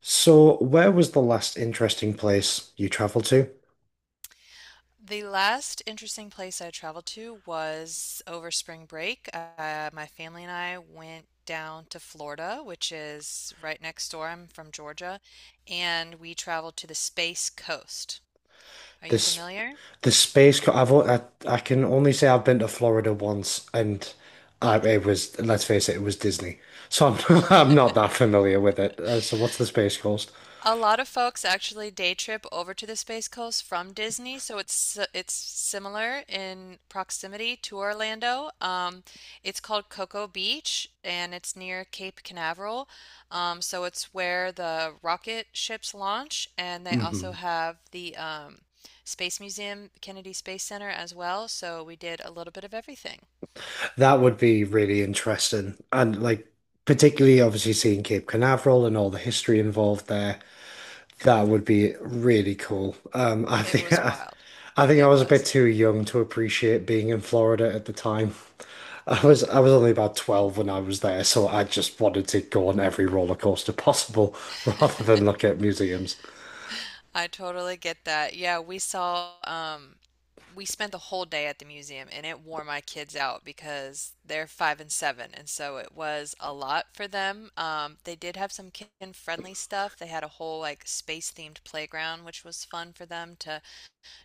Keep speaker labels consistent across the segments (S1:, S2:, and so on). S1: So, where was the last interesting place you traveled to?
S2: The last interesting place I traveled to was over spring break. My family and I went down to Florida, which is right next door. I'm from Georgia, and we traveled to the Space Coast. Are you
S1: This,
S2: familiar?
S1: the space. Co- I've o- I can only say I've been to Florida once, and it was, let's face it, it was Disney. So I'm I'm not that familiar with it. So what's the Space Coast?
S2: A lot of folks actually day trip over to the Space Coast from Disney, so it's similar in proximity to Orlando. It's called Cocoa Beach, and it's near Cape Canaveral. So it's where the rocket ships launch, and they also
S1: Hmm.
S2: have the Space Museum, Kennedy Space Center as well. So we did a little bit of everything.
S1: That would be really interesting, and like particularly obviously seeing Cape Canaveral and all the history involved there. That would be really cool. I
S2: It
S1: think
S2: was wild.
S1: think I
S2: It
S1: was a bit
S2: was.
S1: too young to appreciate being in Florida at the time. I
S2: Mm.
S1: was I was only about 12 when I was there, so I just wanted to go on every roller coaster possible rather than look at museums.
S2: I totally get that. Yeah, we saw, we spent the whole day at the museum and it wore my kids out because they're five and seven. And so it was a lot for them. They did have some kid-friendly stuff. They had a whole like space-themed playground, which was fun for them to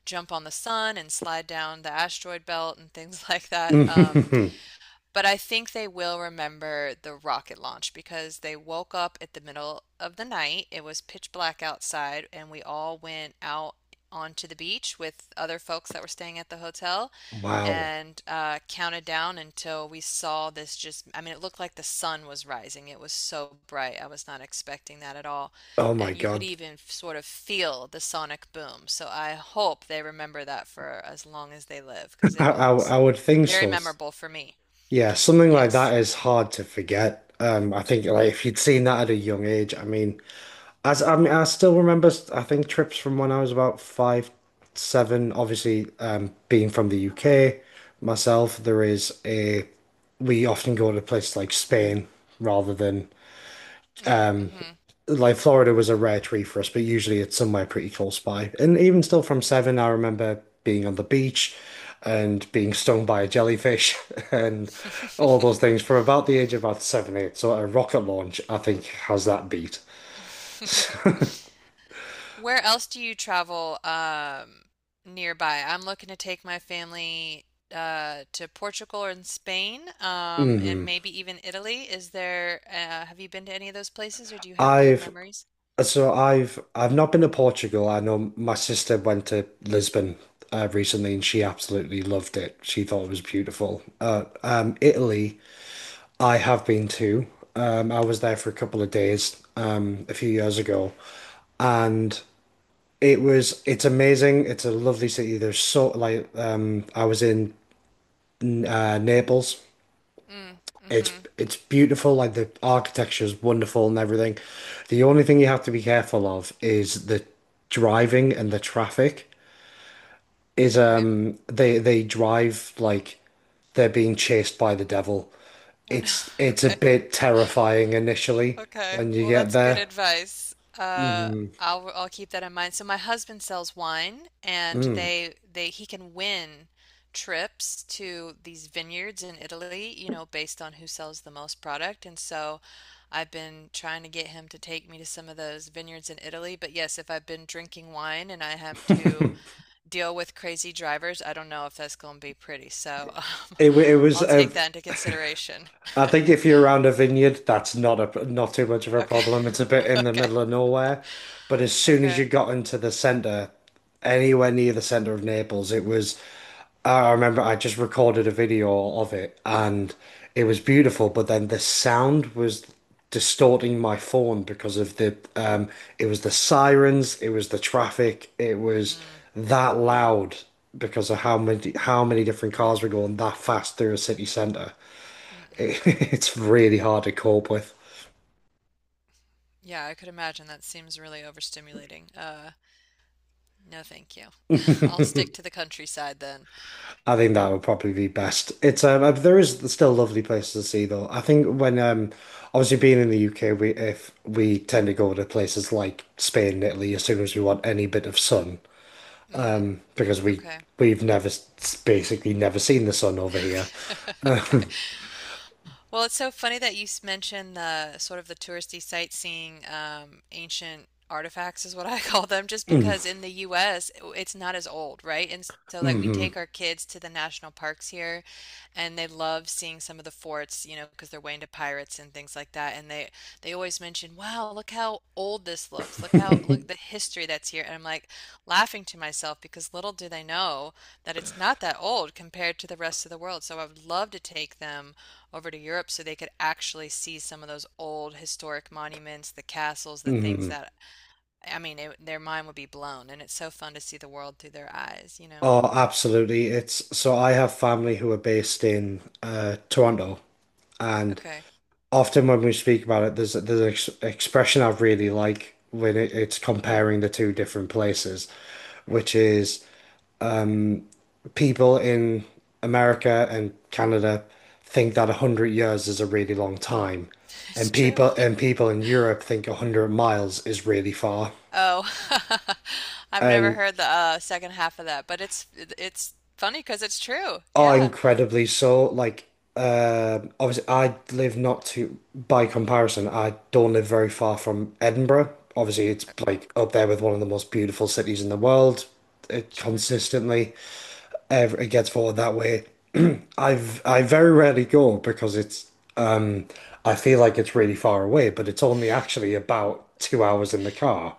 S2: jump on the sun and slide down the asteroid belt and things like that. But I think they will remember the rocket launch because they woke up at the middle of the night. It was pitch black outside, and we all went out onto the beach with other folks that were staying at the hotel
S1: Wow.
S2: and counted down until we saw this just, I mean, it looked like the sun was rising. It was so bright. I was not expecting that at all.
S1: Oh my
S2: And you could
S1: God.
S2: even sort of feel the sonic boom. So I hope they remember that for as long as they live because it
S1: I, I
S2: was
S1: I would think
S2: very
S1: so.
S2: memorable for me.
S1: Yeah, something like that
S2: Yes.
S1: is hard to forget. I think like if you'd seen that at a young age, I mean, As I mean, I still remember. I think trips from when I was about five, seven. Obviously, being from the UK myself, there is a. We often go to places like Spain rather than
S2: Mm, mhm.
S1: Florida. Was a rare treat for us, but usually it's somewhere pretty close by. And even still from seven, I remember being on the beach and being stung by a jellyfish and all those things from about the age of about seven, eight. So a rocket launch, I think, has that beat.
S2: Where else do you travel nearby? I'm looking to take my family to Portugal and Spain, and
S1: Mhm.
S2: maybe even Italy. Is there, have you been to any of those places, or do you have good
S1: I've
S2: memories?
S1: So I've not been to Portugal. I know my sister went to Lisbon recently, and she absolutely loved it. She thought it was beautiful. Italy, I have been to. I was there for a couple of days a few years ago, and it's amazing. It's a lovely city. There's so like I was in Naples.
S2: Mm,
S1: It's
S2: mhm.
S1: it's beautiful, like the architecture is wonderful and everything. The only thing you have to be careful of is the driving, and the traffic is,
S2: Okay.
S1: they, drive like they're being chased by the devil.
S2: Oh no.
S1: It's it's a
S2: Okay.
S1: bit terrifying initially
S2: Okay,
S1: when you
S2: well,
S1: get
S2: that's good
S1: there.
S2: advice.
S1: Mm,
S2: I'll keep that in mind. So my husband sells wine, and
S1: mm.
S2: they he can win trips to these vineyards in Italy, you know, based on who sells the most product. And so I've been trying to get him to take me to some of those vineyards in Italy. But yes, if I've been drinking wine and I have to deal with crazy drivers, I don't know if that's going to be pretty. So
S1: It wa- it was
S2: I'll
S1: a
S2: take that into consideration.
S1: I think if you're around a vineyard, that's not a not too much of a
S2: Okay.
S1: problem. It's a bit in the
S2: Okay.
S1: middle of nowhere, but as soon as you
S2: Okay.
S1: got into the center, anywhere near the center of Naples, it was. I remember I just recorded a video of it, and it was beautiful. But then the sound was distorting my phone because of the, it was the sirens, it was the traffic, it was
S2: Mm,
S1: that loud because of how many different cars were going that fast through a city center,
S2: mm-mm.
S1: it- it's really hard to cope with.
S2: Yeah, I could imagine that seems really overstimulating. No, thank you. I'll stick to the countryside then.
S1: I think that would probably be best. It's there is still lovely places to see though. I think when, obviously being in the UK, we if we tend to go to places like Spain and Italy as soon as we want any bit of sun,
S2: Mm,
S1: because
S2: okay.
S1: we've never s- basically never seen the sun over here.
S2: Okay. Okay. Well, it's so funny that mentioned the sort of the touristy sightseeing ancient artifacts is what I call them, just because
S1: Hmm.
S2: in the U.S. it's not as old, right? And so like we
S1: Hmm.
S2: take our kids to the national parks here, and they love seeing some of the forts, you know, because they're way into pirates and things like that. And they always mention, "Wow, look how old this looks! Look how look the history that's here." And I'm like laughing to myself because little do they know that it's not that old compared to the rest of the world. So I would love to take them over to Europe so they could actually see some of those old historic monuments, the castles, the things that, I mean, their mind would be blown. And it's so fun to see the world through their eyes, you know?
S1: Oh, absolutely. It's so I have family who are based in Toronto, and
S2: Okay.
S1: often when we speak about it, there's an ex expression I really like when it's comparing the two different places, which is, um, people in America and Canada think that 100 years is a really long time,
S2: It's
S1: and
S2: true.
S1: people in Europe think 100 miles is really far.
S2: Oh, I've never
S1: And
S2: heard the second half of that, but it's funny because it's true.
S1: Oh,
S2: Yeah,
S1: incredibly so. Like, obviously, I live, not too, by comparison, I don't live very far from Edinburgh. Obviously, it's like up there with one of the most beautiful cities in the world. It
S2: sure,
S1: consistently, ever, it gets voted that way. I very rarely go because it's, um I feel like it's really far away, but it's only actually about 2 hours in the car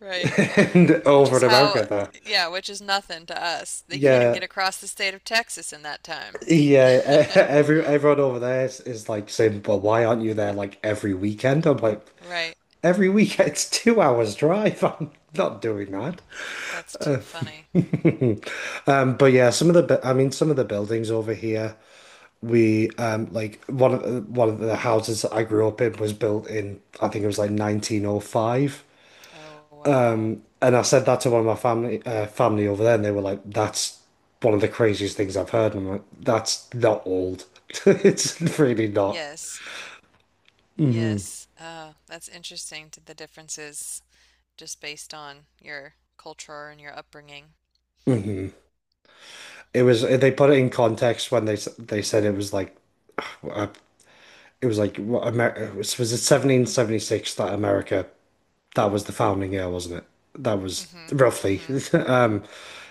S2: right.
S1: and
S2: Which
S1: over
S2: is
S1: in
S2: how,
S1: America there.
S2: yeah, which is nothing to us. They can't even
S1: Yeah,
S2: get across the state of Texas in that time.
S1: Yeah, everyone over there is like saying, "But why aren't you there like every weekend?" I'm like,
S2: Right.
S1: "Every weekend, it's 2 hours drive. I'm not doing that."
S2: That's too funny.
S1: But yeah, some of the, I mean, some of the buildings over here, we like one of the houses that I grew up in was built in, I think it was like 1905,
S2: Oh, wow.
S1: and I said that to one of my family over there, and they were like, "That's one of the craziest things I've heard." And I'm like, "That's not old. It's really not."
S2: Yes, yes. That's interesting to the differences just based on your culture and your upbringing.
S1: Mhm. It was, they put it in context when they said it was like, uh, it was like, what America was it 1776 that America, that was the founding year, wasn't it? That was
S2: Mm-hmm.
S1: roughly.
S2: Mm-hmm.
S1: Um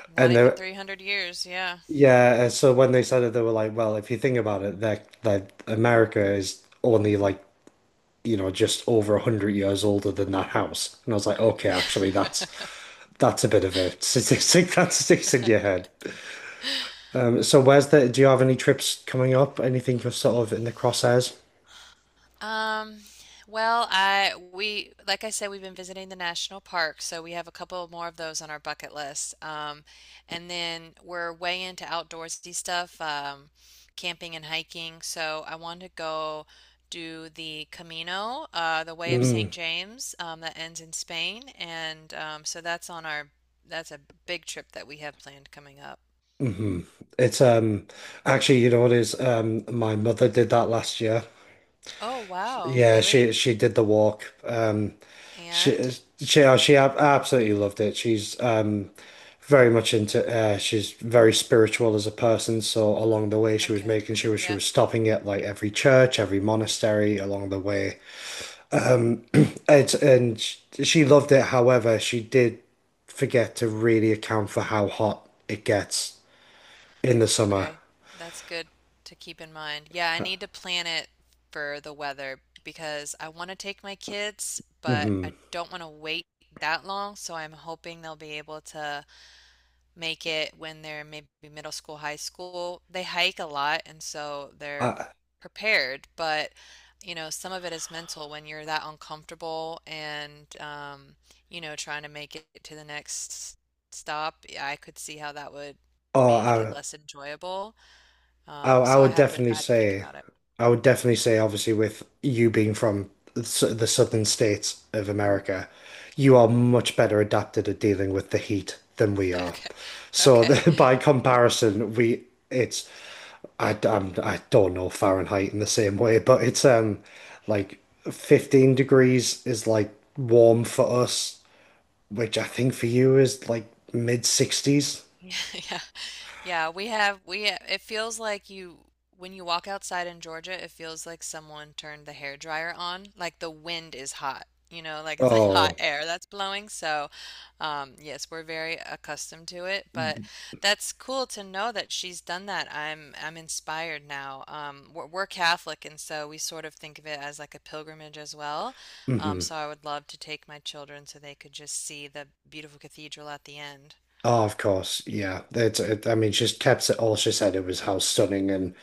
S2: Not
S1: and they
S2: even 300 years, yeah.
S1: Yeah, and so when they said it, they were like, well, if you think about it, that America is only like, you know, just over 100 years older than that house. And I was like, okay, actually that's a bit of a statistic that's sticks in your head. So where's the, do you have any trips coming up? Anything for sort of in the crosshairs?
S2: Um, well, I we like I said, we've been visiting the national park, so we have a couple more of those on our bucket list. And then we're way into outdoorsy stuff, camping and hiking. So I want to go do the Camino, the Way of
S1: Mm,
S2: St. James, that ends in Spain, and so that's on our that's a big trip that we have planned coming up.
S1: hmm. It's actually, you know what it is? My mother did that last year.
S2: Oh wow,
S1: Yeah,
S2: really?
S1: she did the walk.
S2: And
S1: She she she absolutely loved it. She's, very much into, she's very spiritual as a person, so along the way she was
S2: okay.
S1: making sure she
S2: Yeah.
S1: was stopping at like every church, every monastery along the way. It's and sh- she loved it. However, she did forget to really account for how hot it gets in the summer.
S2: Okay, that's good to keep in mind. Yeah, I need to plan it for the weather because I want to take my kids, but
S1: Hmm.
S2: I don't want to wait that long. So I'm hoping they'll be able to make it when they're maybe middle school, high school. They hike a lot, and so they're
S1: I,
S2: prepared, but you know, some of it is mental when you're that uncomfortable and you know, trying to make it to the next stop. I could see how that would make it
S1: oh,
S2: less enjoyable. Um,
S1: I
S2: so I
S1: would
S2: have to
S1: definitely
S2: I have to think
S1: say,
S2: about it.
S1: obviously, with you being from the southern states of America, you are much better adapted at dealing with the heat than we are.
S2: Okay.
S1: So
S2: Okay.
S1: by comparison, we it's, I, I'm, I don't know Fahrenheit in the same way, but it's, like, 15 degrees is like warm for us, which I think for you is like mid 60s.
S2: Yeah. Yeah, we it feels like you when you walk outside in Georgia, it feels like someone turned the hair dryer on. Like the wind is hot, you know, like it's like hot
S1: Oh,
S2: air that's blowing. So, yes, we're very accustomed to it, but that's cool to know that she's done that. I'm inspired now. We're Catholic, and so we sort of think of it as like a pilgrimage as well.
S1: hmm.
S2: So I would love to take my children so they could just see the beautiful cathedral at the end.
S1: Oh, of course. Yeah. I mean, she's kept it all. She said it was how stunning and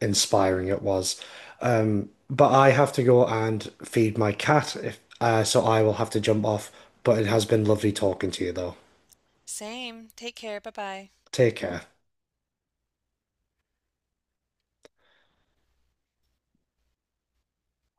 S1: inspiring it was. But I have to go and feed my cat, if, so I will have to jump off. But it has been lovely talking to you though.
S2: Same. Take care. Bye bye.
S1: Take care.